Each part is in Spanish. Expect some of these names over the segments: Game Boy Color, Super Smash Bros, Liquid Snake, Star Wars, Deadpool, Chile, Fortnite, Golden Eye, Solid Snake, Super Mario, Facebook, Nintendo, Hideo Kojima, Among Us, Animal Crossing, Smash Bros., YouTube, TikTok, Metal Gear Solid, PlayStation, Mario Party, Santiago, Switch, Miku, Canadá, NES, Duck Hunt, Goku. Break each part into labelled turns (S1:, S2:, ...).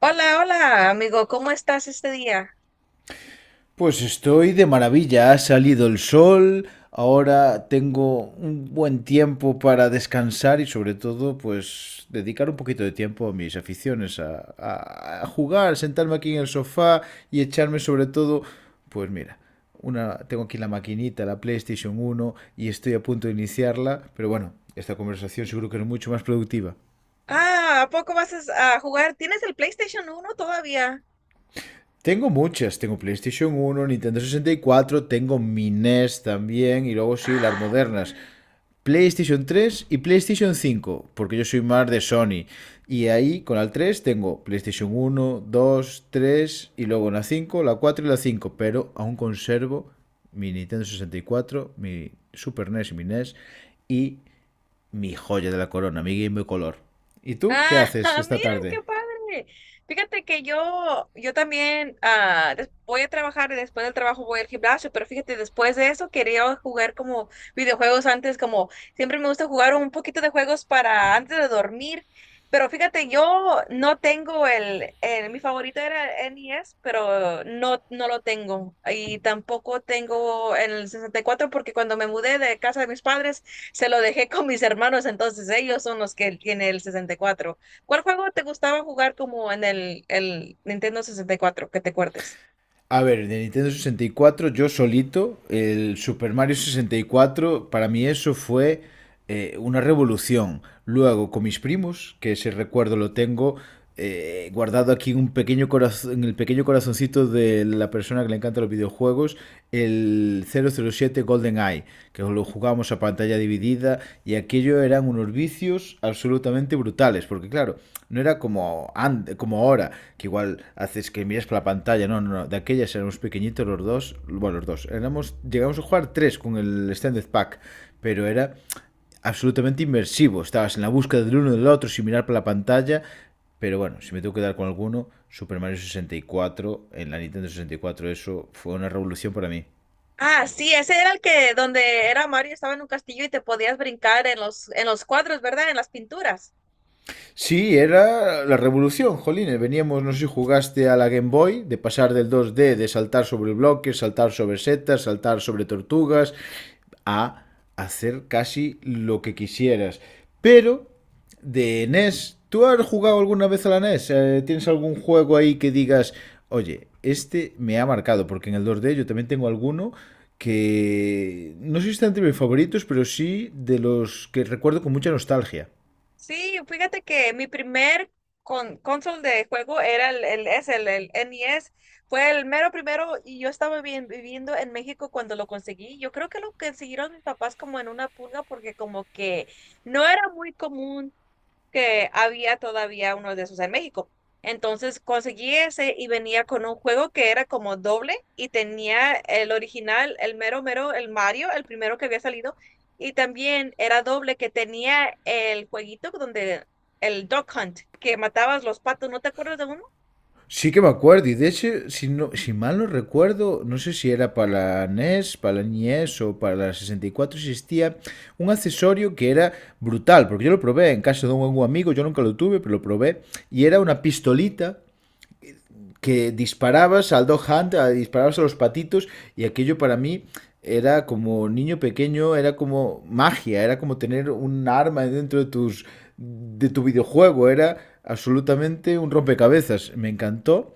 S1: Hola, hola, amigo, ¿cómo estás este día?
S2: Pues estoy de maravilla, ha salido el sol, ahora tengo un buen tiempo para descansar y sobre todo pues dedicar un poquito de tiempo a mis aficiones, a jugar, sentarme aquí en el sofá y echarme sobre todo, pues mira, tengo aquí la maquinita, la PlayStation 1 y estoy a punto de iniciarla, pero bueno, esta conversación seguro que es mucho más productiva.
S1: Ah, ¿a poco vas a jugar? ¿Tienes el PlayStation uno todavía?
S2: Tengo muchas, tengo PlayStation 1, Nintendo 64, tengo mi NES también y luego sí, las
S1: Ah,
S2: modernas.
S1: mira.
S2: PlayStation 3 y PlayStation 5, porque yo soy más de Sony. Y ahí con la 3 tengo PlayStation 1, 2, 3 y luego la 5, la 4 y la 5. Pero aún conservo mi Nintendo 64, mi Super NES y mi NES y mi joya de la corona, mi Game Boy Color. ¿Y tú qué
S1: Ah,
S2: haces esta
S1: mira,
S2: tarde?
S1: qué padre. Fíjate que yo también voy a trabajar y después del trabajo voy al gimnasio, pero fíjate, después de eso quería jugar como videojuegos antes, como siempre me gusta jugar un poquito de juegos para antes de dormir, pero fíjate, yo no tengo mi favorito era el N E S, pero no, no lo tengo y tampoco tengo el 64 porque cuando me mudé de casa de mis padres, se lo dejé con mis hermanos, entonces ellos son los que tiene el sesenta y cuatro. ¿Cuál juego te gustaba jugar como en el Nintendo sesenta y cuatro que te acuerdes?
S2: A ver, de Nintendo 64, yo solito, el Super Mario 64, para mí eso fue una revolución. Luego, con mis primos, que ese recuerdo lo tengo guardado aquí en un pequeño corazón, en el pequeño corazoncito de la persona que le encanta los videojuegos, el 007 Golden Eye, que lo jugábamos a pantalla dividida, y aquello eran unos vicios absolutamente absolutamente brutales, porque claro, no era como ahora, que igual haces que miras para la pantalla. No, no, no, de aquellas éramos pequeñitos los dos, bueno, los dos, éramos, llegamos a jugar tres con el Standard Pack, pero era absolutamente inmersivo, estabas en la búsqueda del uno del otro sin mirar para la pantalla. Pero bueno, si me tengo que dar con alguno, Super Mario 64 en la Nintendo 64, eso fue una revolución para mí.
S1: Ah, sí, ese era el que donde era Mario, estaba en un castillo y te podías brincar en los cuadros, ¿verdad? En las pinturas.
S2: Sí, era la revolución, jolines. Veníamos, no sé si jugaste a la Game Boy, de pasar del 2D de saltar sobre bloques, saltar sobre setas, saltar sobre tortugas, a hacer casi lo que quisieras. Pero, de NES, ¿tú has jugado alguna vez a la NES? ¿Tienes algún juego ahí que digas, oye, este me ha marcado? Porque en el 2D yo también tengo alguno que no sé si está entre mis favoritos, pero sí de los que recuerdo con mucha nostalgia.
S1: Sí, fíjate que mi primer console de juego era el NES. Fue el mero primero y yo estaba bien, viviendo en México cuando lo conseguí. Yo creo que lo consiguieron mis papás como en una pulga porque como que no era muy común que había todavía uno de esos en México. Entonces conseguí ese y venía con un juego que era como doble y tenía el original, el mero mero, el Mario, el primero que había salido, y también era doble que tenía el jueguito donde el Duck Hunt, que matabas los patos, ¿no te acuerdas de uno?
S2: Sí que me acuerdo, y de hecho, si, no, si mal no recuerdo, no sé si era para la NES o para la 64, existía un accesorio que era brutal, porque yo lo probé en casa de un amigo, yo nunca lo tuve, pero lo probé, y era una pistolita que disparabas al Dog Hunt, disparabas a los patitos, y aquello para mí era como niño pequeño, era como magia, era como tener un arma dentro de tus de tu videojuego, era absolutamente un rompecabezas, me encantó.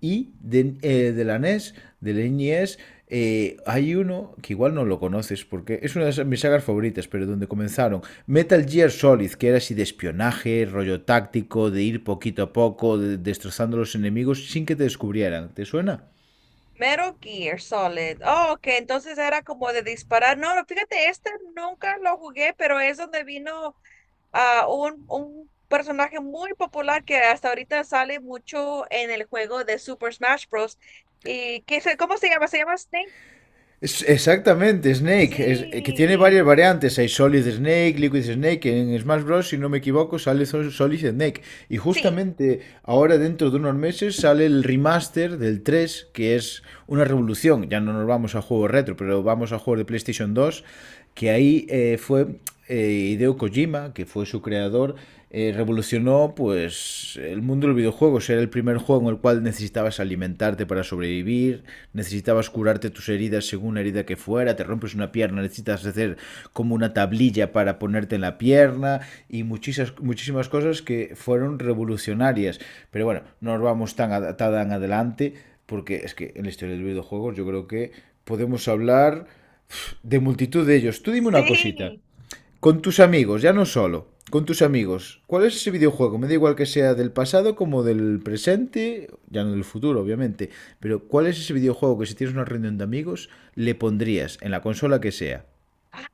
S2: Y de la NES, del NES, hay uno que igual no lo conoces porque es una de mis sagas favoritas, pero donde comenzaron Metal Gear Solid, que era así de espionaje, rollo táctico, de ir poquito a poco, destrozando a los enemigos sin que te descubrieran. ¿Te suena?
S1: Mero Gear Solid. Oh, que entonces era como de disparar. No, fíjate, este nunca lo jugué, pero es donde vino un personaje muy popular que hasta ahorita sale mucho en el juego de Super Smash Bros. ¿Y qué cómo se llama? ¿Se llama Snake?
S2: Exactamente, Snake, que tiene
S1: Sí,
S2: varias variantes. Hay Solid Snake, Liquid Snake. En Smash Bros., si no me equivoco, sale Solid Snake. Y
S1: sí,
S2: justamente ahora, dentro de unos meses, sale el remaster del 3 que es una revolución. Ya no nos vamos a juegos retro, pero vamos a juegos de PlayStation 2, que ahí fue Hideo Kojima, que fue su creador, revolucionó pues el mundo del videojuego. Era el primer juego en el cual necesitabas alimentarte para sobrevivir, necesitabas curarte tus heridas según la herida que fuera, te rompes una pierna, necesitas hacer como una tablilla para ponerte en la pierna, y muchísimas, muchísimas cosas que fueron revolucionarias. Pero bueno, no nos vamos tan, tan adelante, porque es que en la historia del videojuego yo creo que podemos hablar de multitud de ellos. Tú dime una cosita.
S1: sí.
S2: Con tus amigos, ya no solo. Con tus amigos. ¿Cuál es ese videojuego? Me da igual que sea del pasado como del presente, ya no del futuro, obviamente. Pero ¿cuál es ese videojuego que si tienes una reunión de amigos le pondrías en la consola que sea?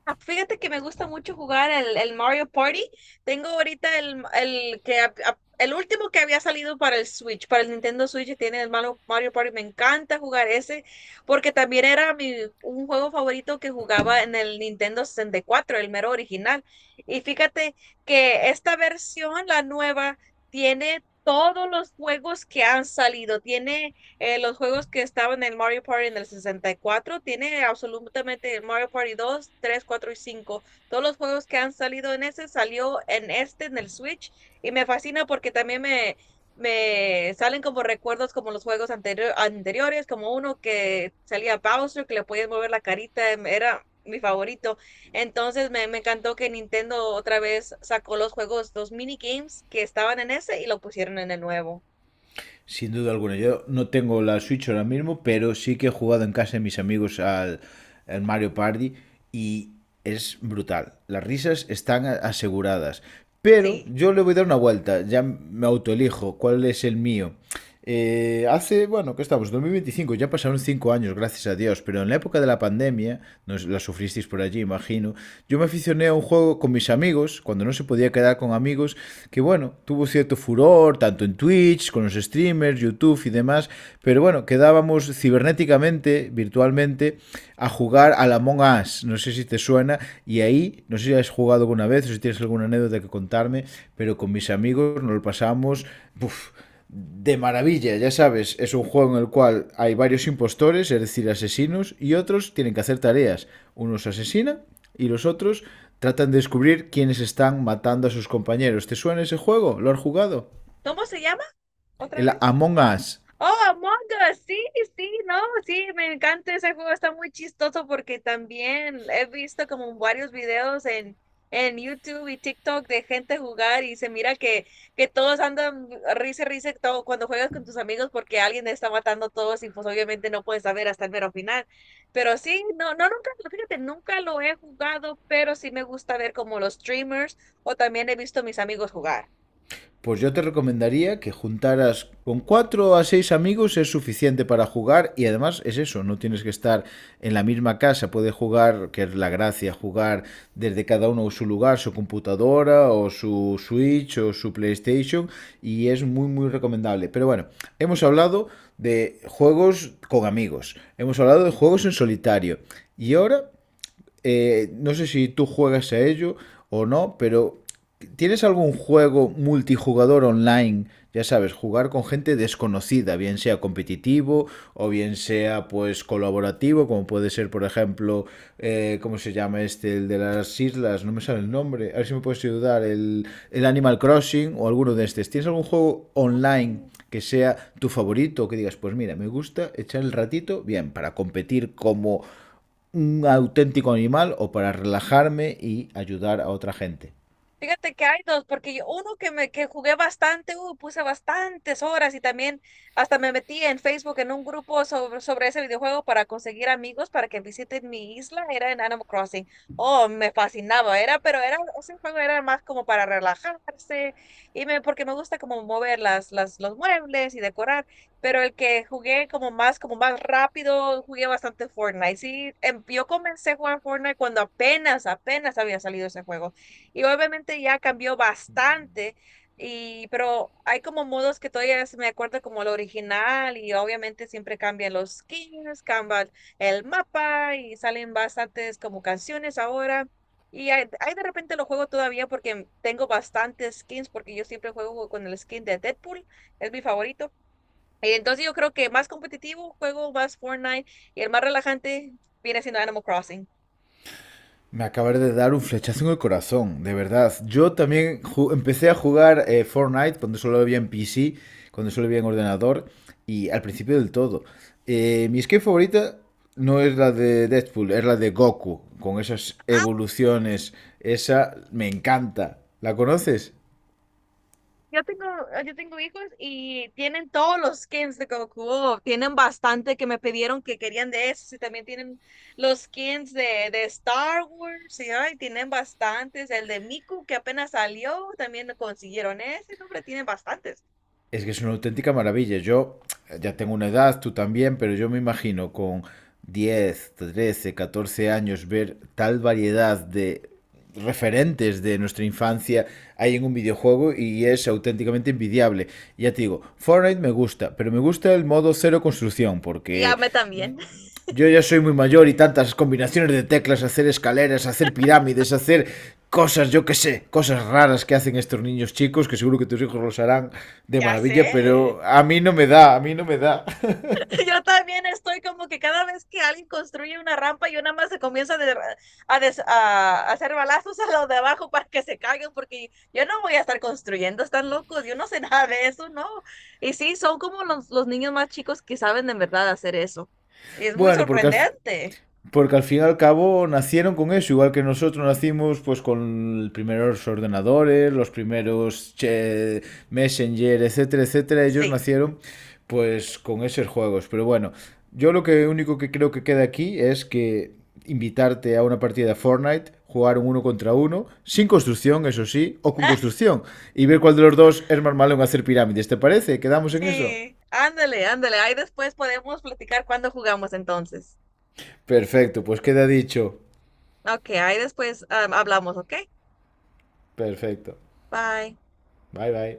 S1: Ah, fíjate que me gusta mucho jugar el Mario Party. Tengo ahorita el último que había salido para el Switch, para el Nintendo Switch, que tiene Mario Party. Me encanta jugar ese, porque también era un juego favorito que jugaba en el Nintendo sesenta y cuatro el mero original. Y fíjate que esta versión, la nueva, tiene todos los juegos que han salido. Tiene los juegos que estaban en el Mario Party en el sesenta y cuatro, tiene absolutamente el Mario Party dos, tres, 4 y cinco. Todos los juegos que han salido en ese salió en este, en el Switch, y me fascina porque también me salen como recuerdos como los juegos anteriores, como uno que salía Bowser, que le podías mover la carita, era mi favorito. Entonces me encantó que Nintendo otra vez sacó los juegos, los minigames que estaban en ese y lo pusieron en el nuevo.
S2: Sin duda alguna, yo no tengo la Switch ahora mismo, pero sí que he jugado en casa de mis amigos al Mario Party y es brutal. Las risas están aseguradas. Pero
S1: Sí.
S2: yo le voy a dar una vuelta, ya me autoelijo cuál es el mío. Bueno, ¿qué estamos? 2025, ya pasaron 5 años, gracias a Dios, pero en la época de la pandemia, no la sufristeis por allí, imagino, yo me aficioné a un juego con mis amigos, cuando no se podía quedar con amigos, que bueno, tuvo cierto furor, tanto en Twitch, con los streamers, YouTube y demás, pero bueno, quedábamos cibernéticamente, virtualmente, a jugar al Among Us, no sé si te suena, y ahí, no sé si has jugado alguna vez o si tienes alguna anécdota que contarme, pero con mis amigos nos lo pasamos, uff, de maravilla, ya sabes, es un juego en el cual hay varios impostores, es decir, asesinos, y otros tienen que hacer tareas. Unos asesinan y los otros tratan de descubrir quiénes están matando a sus compañeros. ¿Te suena ese juego? ¿Lo has jugado?
S1: ¿Cómo se llama? ¿Otra
S2: El
S1: vez?
S2: Among Us.
S1: Oh, Among Us, sí, sí, no, sí, me encanta ese juego, está muy chistoso porque también he visto como varios videos en YouTube y TikTok de gente jugar y se mira que todos andan risa, risa todo, cuando juegas con tus amigos porque alguien está matando a todos y pues obviamente no puedes saber hasta el mero final. Pero sí, no, no, nunca, fíjate, nunca lo he jugado, pero sí me gusta ver como los streamers o también he visto a mis amigos jugar.
S2: Pues yo te recomendaría que juntaras con 4 a 6 amigos, es suficiente para jugar, y además es eso, no tienes que estar en la misma casa, puedes jugar, que es la gracia, jugar desde cada uno su lugar, su computadora o su Switch o su PlayStation, y es muy muy recomendable. Pero bueno, hemos hablado de juegos con amigos, hemos hablado de juegos en solitario, y ahora no sé si tú juegas a ello o no, pero ¿tienes algún juego multijugador online? Ya sabes, jugar con gente desconocida, bien sea competitivo o bien sea pues colaborativo, como puede ser, por ejemplo, ¿cómo se llama este? El de las islas, no me sale el nombre, a ver si me puedes ayudar, el Animal Crossing o alguno de estos. ¿Tienes algún juego online
S1: Mm.
S2: que sea tu favorito, que digas, pues mira, me gusta echar el ratito, bien, para competir como un auténtico animal o para relajarme y ayudar a otra gente?
S1: Fíjate que hay dos, porque uno que jugué bastante, puse bastantes horas y también hasta me metí en Facebook en un grupo sobre ese videojuego para conseguir amigos para que visiten mi isla, era en Animal Crossing. Oh, me fascinaba, ese juego era más como para relajarse y porque me gusta como mover los muebles y decorar, pero el que jugué como más rápido, jugué bastante Fortnite. Sí, yo comencé a jugar Fortnite cuando apenas, apenas había salido ese juego y obviamente ya cambió bastante, y, pero hay como modos que todavía se me acuerdo como el original y obviamente siempre cambian los skins, cambian el mapa y salen bastantes como canciones ahora. Y hay de repente lo juego todavía porque tengo bastantes skins porque yo siempre juego con el skin de Deadpool, es mi favorito. Y entonces yo creo que más competitivo juego más Fortnite y el más relajante viene siendo Animal Crossing.
S2: Me acabas de dar un flechazo en el corazón, de verdad. Yo también empecé a jugar Fortnite cuando solo había en PC, cuando solo había en ordenador, y al principio del todo. Mi skin favorita no es la de Deadpool, es la de Goku, con esas evoluciones. Esa me encanta. ¿La conoces?
S1: Yo tengo, yo tengo hijos y tienen todos los skins de Goku. Tienen bastante que me pidieron que querían de esos. Y también tienen los skins de Star Wars. Y ay, tienen bastantes. El de Miku que apenas salió, también lo consiguieron ese. No, hombre, tienen bastantes.
S2: Es que es una auténtica maravilla. Yo ya tengo una edad, tú también, pero yo me imagino con 10, 13, 14 años ver tal variedad de referentes de nuestra infancia hay en un videojuego, y es auténticamente envidiable. Ya te digo, Fortnite me gusta, pero me gusta el modo cero construcción
S1: Y a
S2: porque
S1: mí también.
S2: yo ya soy muy mayor, y tantas combinaciones de teclas, hacer escaleras, hacer pirámides, hacer cosas, yo qué sé, cosas raras que hacen estos niños chicos, que seguro que tus hijos los harán de
S1: Ya sé.
S2: maravilla, pero a mí no me da, a mí no me da.
S1: Yo también estoy como que cada vez que alguien construye una rampa, yo nada más se comienza a hacer balazos a los de abajo para que se caigan, porque yo no voy a estar construyendo, están locos, yo no sé nada de eso, ¿no? Y sí, son como los niños más chicos que saben de verdad hacer eso. Y es muy
S2: Bueno, porque
S1: sorprendente.
S2: Porque al fin y al cabo nacieron con eso, igual que nosotros nacimos pues con los primeros ordenadores, los primeros che, Messenger, etcétera, etcétera. Ellos
S1: Sí,
S2: nacieron pues con esos juegos. Pero bueno, yo lo que único que creo que queda aquí es que invitarte a una partida de Fortnite, jugar un uno contra uno, sin construcción, eso sí, o con construcción, y ver cuál de los dos es más malo en hacer pirámides. ¿Te parece? ¿Quedamos en eso?
S1: sí, ándale, ándale, ahí después podemos platicar cuando jugamos entonces.
S2: Perfecto, pues queda dicho.
S1: Ok, ahí después hablamos, ¿ok?
S2: Perfecto.
S1: Bye.
S2: Bye bye.